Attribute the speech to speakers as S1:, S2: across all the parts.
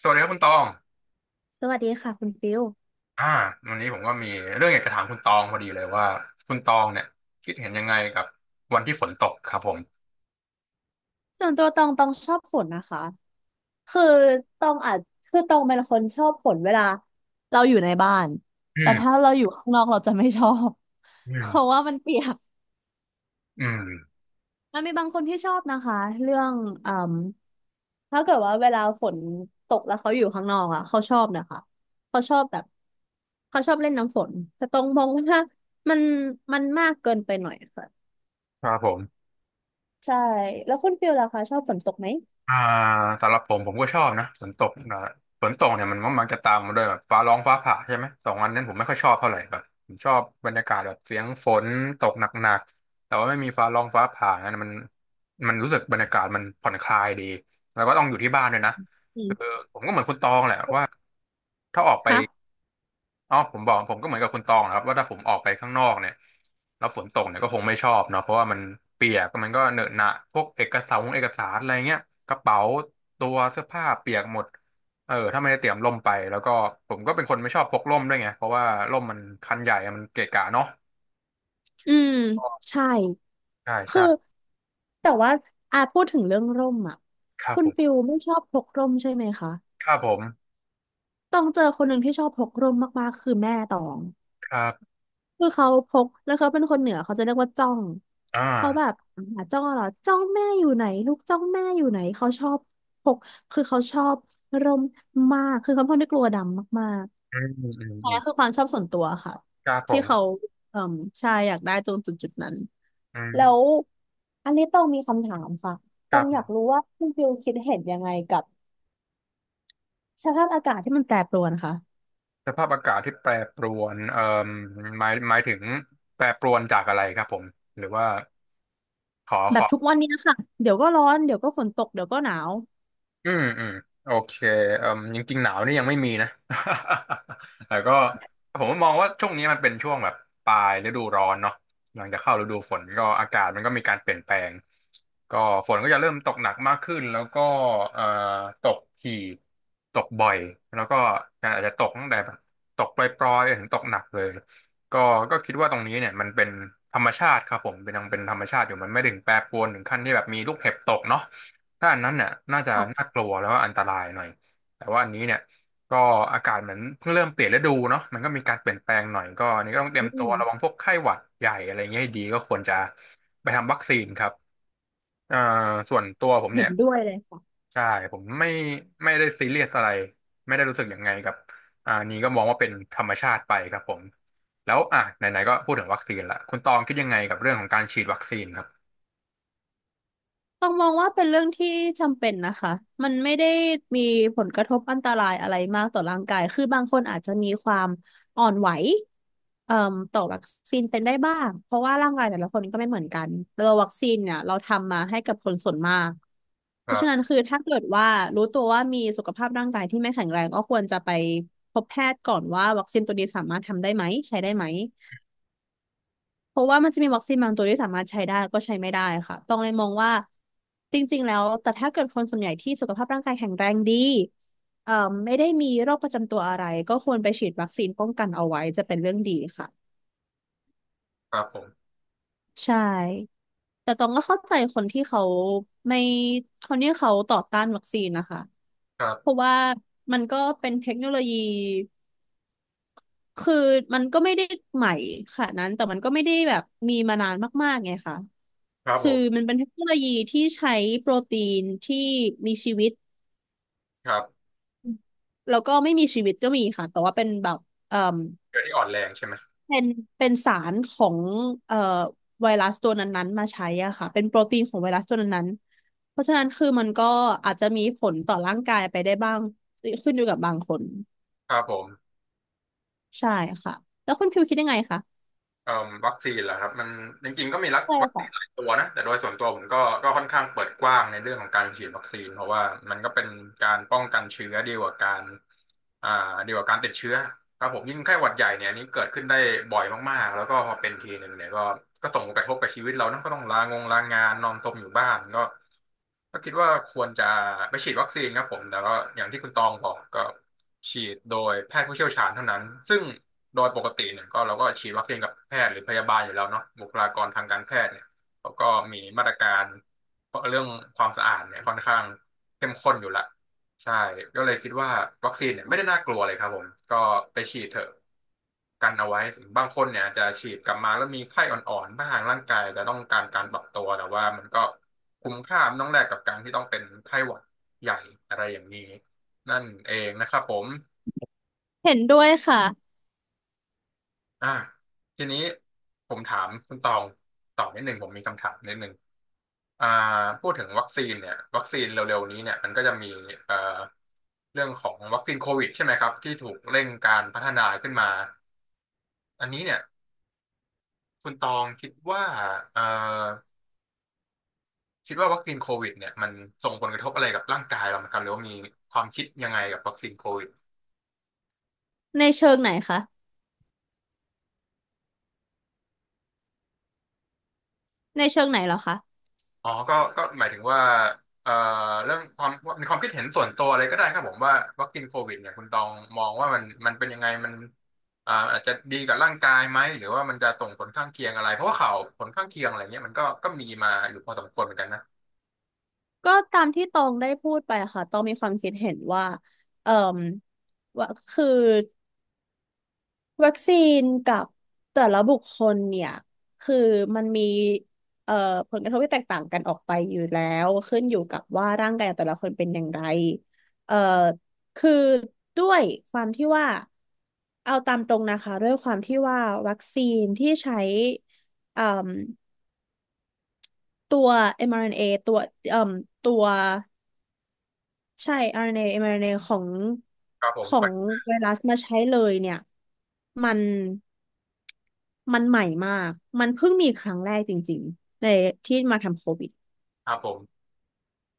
S1: สวัสดีครับคุณตอง
S2: สวัสดีค่ะคุณฟิล
S1: อ่า วันนี้ผมก็มีเรื่องอยากจะถามคุณตองพอดีเลยว่าคุณตองเนี่ยคิดเห็นยังไงกับวันที่ฝนตกครับผม
S2: ส่วนตัวตองชอบฝนนะคะคือตองอาจตองเป็นคนชอบฝนเวลาเราอยู่ในบ้าน
S1: อื
S2: แต่ถ้า
S1: ม
S2: เราอยู่ข้างนอกเราจะไม่ชอบ
S1: อื
S2: เพราะ
S1: ม
S2: ว่ามันเปียก
S1: อืม
S2: มันมีบางคนที่ชอบนะคะเรื่องอืมถ้าเกิดว่าเวลาฝนตกแล้วเขาอยู่ข้างนอกอะเขาชอบนะคะเขาชอบแบบเขาชอบเล่นน้ำฝนแต่ตองมองว่ามันมันมากเกินไปหน่อยค่ะ
S1: ครับผม
S2: ใช่แล้วคุณฟิลล่ะคะชอบฝนตกไหม
S1: อ่าสำหรับผมผมก็ชอบนะฝนตกนะฝนตกเนี่ยมันมักจะตามมาด้วยแบบฟ้าร้องฟ้าผ่าใช่ไหมสองอันนั้นผมไม่ค่อยชอบเท่าไหร่แบบผมชอบบรรยากาศแบบเสียงฝนตกหนักๆแต่ว่าไม่มีฟ้าร้องฟ้าผ่านั้นมันรู้สึกบรรยากาศมันผ่อนคลายดีแล้วก็ต้องอยู่ที่บ้านด้วยนะ
S2: อื
S1: คือ
S2: ม
S1: ผมก็เหมือนคุณตองแหละว่าถ้าออกไป
S2: คะ
S1: อ๋อผมบอกผมก็เหมือนกับคุณตองนะครับว่าถ้าผมออกไปข้างนอกเนี่ยแล้วฝนตกเนี่ยก็คงไม่ชอบเนาะเพราะว่ามันเปียกมันก็เหนอะหนะพวกเอกสารอะไรเงี้ยกระเป๋าตัวเสื้อผ้าเปียกหมดเออถ้าไม่ได้เตรียมร่มไปแล้วก็ผมก็เป็นคนไม่ชอบพกร่มด้วยไงเพราะว่าร่มมันคันใหญ่อะมันเกะกะเนาะ
S2: อืมใช่
S1: ใช่
S2: คื
S1: ใช่
S2: อแต่ว่าอ่ะพูดถึงเรื่องร่มอ่ะ
S1: ครับ
S2: คุณ
S1: ผม
S2: ฟิลไม่ชอบพกร่มใช่ไหมคะ
S1: ครับผม
S2: ต้องเจอคนหนึ่งที่ชอบพกร่มมากๆคือแม่ตอง
S1: ครับ
S2: คือเขาพกแล้วเขาเป็นคนเหนือเขาจะเรียกว่าจ้อง
S1: อ่า
S2: เขาแบบหาจ้องเหรอจ้องแม่อยู่ไหนลูกจ้องแม่อยู่ไหนพกเขาชอบร่มมากคือเขาเป็นคนที่กลัวดำมากๆ
S1: อืมอืมอื
S2: อันนี้
S1: ม
S2: คือความชอบส่วนตัวค่ะ
S1: ครับผ
S2: ที่เขา
S1: ม
S2: เอ่มใช่อยากได้ตรงจุดนั้น
S1: อืม
S2: แล้วอันนี้ต้องมีคำถามค่ะ
S1: ค
S2: ต้อ
S1: รั
S2: งอยาก
S1: บ
S2: รู้ว่าคุณฟิลคิดเห็นยังไงกับสภาพอากาศที่มันแปรปรวนค่ะ
S1: สภาพอากาศที่แปรปรวนหมายถึงแปรปรวนจากอะไรครับผมหรือว่าขอ
S2: แบบทุกวันนี้ค่ะเดี๋ยวก็ร้อนเดี๋ยวก็ฝนตกเดี๋ยวก็หนาว
S1: อืมอืมโอเคเอ่มจริงๆหนาวนี่ยังไม่มีนะ แต่ก็ผมมองว่าช่วงนี้มันเป็นช่วงแบบปลายฤดูร้อนเนาะหลังจากเข้าฤดูฝนก็อากาศมันก็มีการเปลี่ยนแปลงก็ฝนก็จะเริ่มตกหนักมากขึ้นแล้วก็เอ่อตกถี่ตกบ่อยแล้วก็อาจจะตกตั้งแต่แบบตกปล่อยๆถึงตกหนักเลยก็ก็คิดว่าตรงนี้เนี่ยมันเป็นธรรมชาติครับผมเป็นยังเป็นธรรมชาติอยู่มันไม่ถึงแปรปรวนถึงขั้นที่แบบมีลูกเห็บตกเนาะ ถ้าอันนั้นเนี่ยน่าจะน่า
S2: ค่ะ
S1: กลัวแล้วก็อันตรายหน่อยแต่ว่าอันนี้เนี่ยก็อากาศเหมือนเพิ่งเริ่มเปลี่ยนฤดูเนาะมันก็มีการเปลี่ยนแปลงหน่อยก็อันนี้ก็ต้องเตรี
S2: อื
S1: ยมตัวระวัง
S2: ม
S1: พวกไข้หวัดใหญ่อะไรเงี้ยให้ดีก็ควรจะไปทำวัคซีนครับเอ่อส่วนตัวผม
S2: เห็
S1: เนี่ย
S2: นด้วยเลย
S1: ใช่ผมไม่ไม่ได้ซีเรียสอะไรไม่ได้รู้สึกยังไงกับอันนี้ก็มองว่าเป็นธรรมชาติไปครับผมแล้วอ่ะไหนๆก็พูดถึงวัคซีนละคุณตองคิดยังไงกับเรื่องของการฉีดวัคซีนครับ
S2: ต้องมองว่าเป็นเรื่องที่จำเป็นนะคะ มันไม่ได้มีผลกระทบอันตรายอะไรมากต่อร่างกาย คือบางคนอาจจะมีความอ่อนไหวเอ่มต่อวัคซีนเป็นได้บ้าง เพราะว่าร่างกายแต่ละคนก็ไม่เหมือนกันตัววัคซีนเนี่ยเราทำมาให้กับคนส่วนมาก
S1: ค
S2: เพ
S1: รั
S2: ราะฉะนั้น
S1: บ
S2: คือถ้าเกิดว่ารู้ตัวว่ามีสุขภาพร่างกายที่ไม่แข็งแรงก็ควรจะไปพบแพทย์ก่อนว่าวัคซีนตัวนี้สามารถทำได้ไหมใช้ได้ไหม เพราะว่ามันจะมีวัคซีนบางตัวที่สามารถใช้ได้แล้วก็ใช้ไม่ได้ค่ะต้องเลยมองว่าจริงๆแล้วแต่ถ้าเกิดคนส่วนใหญ่ที่สุขภาพร่างกายแข็งแรงดีเอ่อไม่ได้มีโรคประจำตัวอะไรก็ควรไปฉีดวัคซีนป้องกันเอาไว้จะเป็นเรื่องดีค่ะ
S1: ครับผม
S2: ใช่แต่ตองก็เข้าใจไม่คนที่เขาต่อต้านวัคซีนนะคะ
S1: ครั
S2: เพราะ
S1: บ
S2: ว่ามันก็เป็นเทคโนโลยี คือมันก็ไม่ได้ใหม่ขนาดนั้นแต่มันก็ไม่ได้แบบมีมานานมากๆไงค่ะ
S1: ครับผ
S2: คือ
S1: ม
S2: มันเป็นเทคโนโลยีที่ใช้โปรตีนที่มีชีวิต
S1: ครับ
S2: แล้วก็ไม่มีชีวิตก็มีค่ะแต่ว่าเป็นแบบเอ่อ
S1: เกิดที่อ่อนแรงใช่ไหม
S2: เป็นเป็นสารของเอ่อไวรัสตัวนั้นๆมาใช้อ่ะค่ะเป็นโปรตีนของไวรัสตัวนั้นๆเพราะฉะนั้นคือมันก็อาจจะมีผลต่อร่างกายไปได้บ้างขึ้นอยู่กับบางคน
S1: ครับผม
S2: ใช่ค่ะแล้วคุณฟิวคิดยังไงคะ
S1: เอ่อวัคซีนเหรอครับมันจริงๆก็มีรัก
S2: ใช่
S1: วัค
S2: ค่ะ
S1: ซีนหลายตัวนะแต่โดยส่วนตัวผมก็ก็ค่อนข้างเปิดกว้างในเรื่องของการฉีดวัคซีนเพราะว่ามันก็เป็นการป้องกันเชื้อดีกว่าการอ่าดีกว่าการติดเชื้อครับผมยิ่งไข้หวัดใหญ่เนี่ยอันนี้เกิดขึ้นได้บ่อยมากๆแล้วก็พอเป็นทีหนึ่งเนี่ยก็ก็ส่งผลกระทบกับชีวิตเรานะก็ต้องลางงลางานนอนซมอยู่บ้านก็ก็คิดว่าควรจะไปฉีดวัคซีนครับผมแต่ก็อย่างที่คุณตองบอกก็ ฉีดโดยแพทย์ผู้เชี่ยวชาญเท่านั้นซึ่งโดยปกติเนี่ยก็เราก็ฉีดวัคซีนกับแพทย์หรือพยาบาลอยู่แล้วเนาะบุคลากรทางการแพทย์เนี่ยเขาก็มีมาตรการเรื่องความสะอาดเนี่ยค่อนข้างเข้มข้นอยู่ละใช่ก็เลยคิดว่าวัคซีนเนี่ยไม่ได้น่ากลัวเลยครับผมก็ไปฉีดเถอะกันเอาไว้ถึงบางคนเนี่ยอาจจะฉีดกลับมาแล้วมีไข้อ่อนๆบ้างร่างกายแต่ต้องการการปรับตัวแต่ว่ามันก็คุ้มค่ามันต้องแลกกับการที่ต้องเป็นไข้หวัดใหญ่อะไรอย่างนี้ นั่นเองนะครับผม
S2: เห็นด้วยค่ะ
S1: อ่าทีนี้ผมถามคุณตองต่อนิดหนึ่งผมมีคำถามนิดหนึ่งอ่าพูดถึงวัคซีนเนี่ยวัคซีนเร็วๆนี้เนี่ยมันก็จะมีเอ่อเรื่องของวัคซีนโควิดใช่ไหมครับที่ถูกเร่งการพัฒนาขึ้นมาอันนี้เนี่ยคุณตองคิดว่าเอ่อคิดว่าวัคซีนโควิดเนี่ยมันส่งผลกระทบอะไรกับร่างกายเราไหมครับหรือว่ามีความคิดยังไงกับวัคซีนโควิด
S2: ในเชิงไหนคะในเชิงไหนเหรอคะ
S1: อ๋อก็หมายถึงว่าเอ่อเรื่องความมีความคิดเห็นส่วนตัวอะไรก็ได้ครับผมว่าวัคซีนโควิดเนี่ยคุณตองมองว่ามันเป็นยังไงมันอาจจะดีกับร่างกายไหมหรือว่ามันจะส่งผลข้างเคียงอะไร เพราะว่าข่าวผลข้างเคียงอะไรเงี้ยมันก็ก็มีมาอยู่พอสมควรเหมือนกันนะ
S2: ก็ตามที่ตองได้พูดไปค่ะตองมีความคิดเห็นว่าเอ่มว่าคือวัคซีนกับแต่ละบุคคลเนี่ยคือมันมีเอ่อผลกระทบที่แตกต่างกันออกไปอยู่แล้วขึ้นอยู่กับว่าร่างกายของแต่ละคนเป็นอย่างไรเอ่อคือด้วยความที่ว่าเอาตามตรงนะคะด้วยความที่ว่าวัคซีนที่ใช้เอ่ม ตัว mRNA ตัวเอ่มตัวใช่ RNA mRNA ของ
S1: ครับผ
S2: ข
S1: ม
S2: องไวรัสมาใช้เลยเนี่ย มัน มันใหม่มาก มันเพิ่งมีครั้งแรกจริงๆในที่มาทำโควิด
S1: ครับผม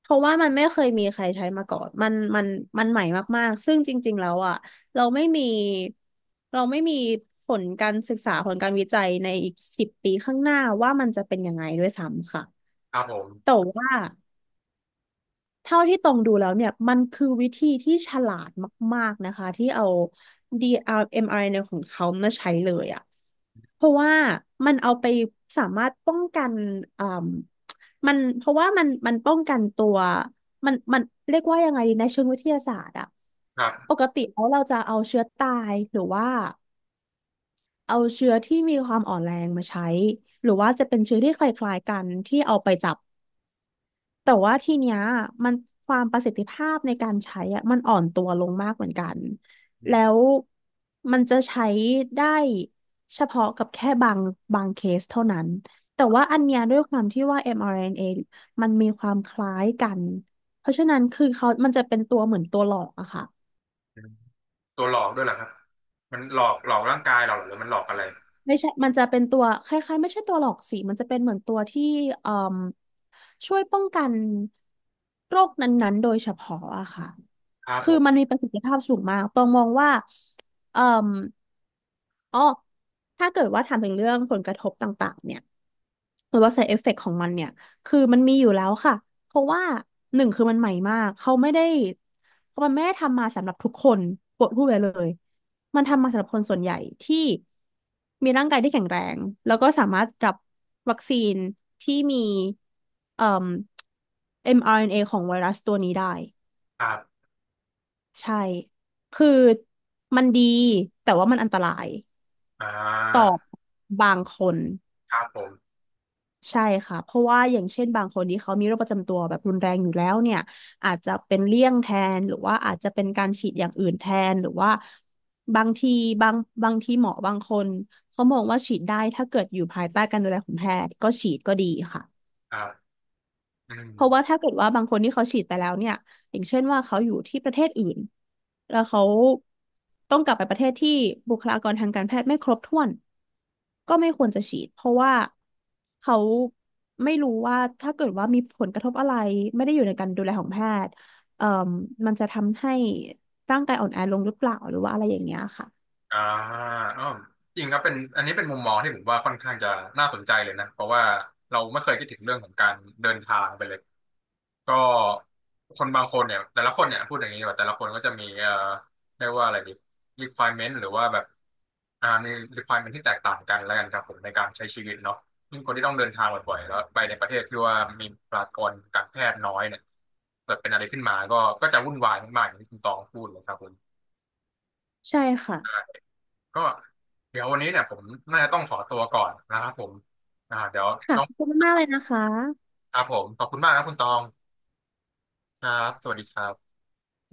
S2: เพราะว่ามันไม่เคยมีใครใช้มาก่อน มันใหม่มากๆ ซึ่งจริงๆแล้วอ่ะเราไม่มี เราไม่มีผลการศึกษาผลการวิจัยในอีก10 ปีข้างหน้าว่ามันจะเป็นยังไงด้วยซ้ำค่ะ
S1: ครับผ
S2: แต่
S1: ม
S2: ว่า เท่าที่ตรงดูแล้วเนี่ยมันคือวิธีที่ฉลาดมากๆนะคะที่เอา DRMRNA ของเขามาใช้เลยอะเพราะว่ามันเอาไปสามารถป้องกันอ่มมันเพราะว่ามันมันป้องกันตัวมันเรียกว่ายังไงดีในเชิงวิทยาศาสตร์อะ
S1: ครั
S2: ป
S1: บ
S2: กติแล้วเราจะเอาเชื้อตายหรือว่าเอาเชื้อที่มีความอ่อนแรงมาใช้หรือว่าจะเป็นเชื้อที่คล้ายๆกันที่เอาไปจับ แต่ว่าทีเนี้ยมันความประสิทธิภาพในการใช้อะมันอ่อนตัวลงมากเหมือนกันแล้วมันจะใช้ได้เฉพาะกับแค่บางเคสเท่านั้นแต่ว่าอันเนี้ยด้วยความที่ว่า mRNA มอาร์เอ็นเอมันมีความคล้ายกันเพราะฉะนั้นคือเขามันจะเป็นตัวเหมือนตัวหลอกอะค่ะ
S1: อืมตัวหลอกด้วยเหรอครับมันหลอกหลอกร่างกายเราเหรอหรือมันหลอกอะไร
S2: ไม่ใช่มันจะเป็นตัวคล้ายๆไม่ใช่ตัวหลอกสิมันจะเป็นเหมือนตัวที่เอ่มช่วยป้องกันโรคนั้นๆโดยเฉพาะอะค่ะ
S1: ครับผ
S2: คือมัน
S1: ม
S2: มีประสิทธิภาพสูงมากตองมองว่าเอ่ออ๋อถ้าเกิดว่าถามถึงเรื่องผลกระทบต่างๆ เนี่ย หรือว่า side effect ของมันเนี่ย คือมันมีอยู่แล้วค่ะ เพราะว่าหนึ่งคือมันใหม่มาก เขาไม่ได้ มันไม่ได้ทำมาสำหรับทุกคนปวดพูดไปเลย มันทำมาสำหรับคนส่วนใหญ่ที่มีร่างกายที่แข็งแรงแล้วก็สามารถรับวัคซีนที่มีเอ่อเอ็มอาร์เอ็นเอของไวรัสตัวนี้ได้
S1: ครับ
S2: ใช่ คือมันดีแต่ว่ามันอันตราย
S1: อ่
S2: ต่อ
S1: า
S2: บางคน
S1: ครับผม
S2: ใช่ค่ะเพราะว่าอย่างเช่นบางคนที่เขามีโรคประจำตัวแบบรุนแรงอยู่แล้วเนี่ยอาจจะเป็นเลี่ยงแทนหรือว่าอาจจะเป็นการฉีดอย่างอื่นแทนหรือว่าบางทีบางบางทีหมอบางคนเขามองว่าฉีดได้ถ้าเกิดอยู่ภายใต้การดูแลของแพทย์ก็ฉีดก็ดีค่ะ
S1: ครับอืม
S2: เพราะว่าถ้าเกิดว่าบางคนที่เขาฉีดไปแล้วเนี่ยอย่างเช่นว่าเขาอยู่ที่ประเทศอื่นแล้วเขาต้องกลับไปประเทศที่บุคลากรทางการแพทย์ไม่ครบถ้วนก็ไม่ควรจะฉีดเพราะว่าเขาไม่รู้ว่าถ้าเกิดว่ามีผลกระทบอะไรไม่ได้อยู่ในการดูแลของแพทย์เอ่มมันจะทำให้ร่างกายอ่อนแอลงหรือเปล่าหรือว่าอะไรอย่างเงี้ยค่ะ
S1: อ่าอ้าวจริงครับเป็นอันนี้เป็นมุมมองที่ผมว่าค่อนข้างจะน่าสนใจเลยนะเพราะว่าเราไม่เคยคิดถึงเรื่องของการเดินทางไปเลยก็คนบางคนเนี่ยแต่ละคนเนี่ยพูดอย่างนี้ดีกว่าแต่ละคนก็จะมีเรียกว่าอะไรดี requirement หรือว่าแบบมี requirement ที่แตกต่างกันแล้วกันครับผมในการใช้ชีวิตเนาะยิ่งคนที่ต้องเดินทางบ่อยๆแล้วไปในประเทศที่ว่ามีประชากรการแพทย์น้อยเนี่ยเกิดเป็นอะไรขึ้นมาก็ก็จะวุ่นวายมากๆอย่างที่คุณตองพูดเลยครับผม
S2: ใช่ค่ะ
S1: ก็เดี๋ยววันนี้เนี่ยผมน่าจะต้องขอตัวก่อนนะครับผมเดี๋ยว
S2: ค่ะ
S1: ต้อง
S2: ขอบคุณมากเลยนะคะ
S1: ครับผมขอบคุณมากนะคุณตองครับสวัสดีครับ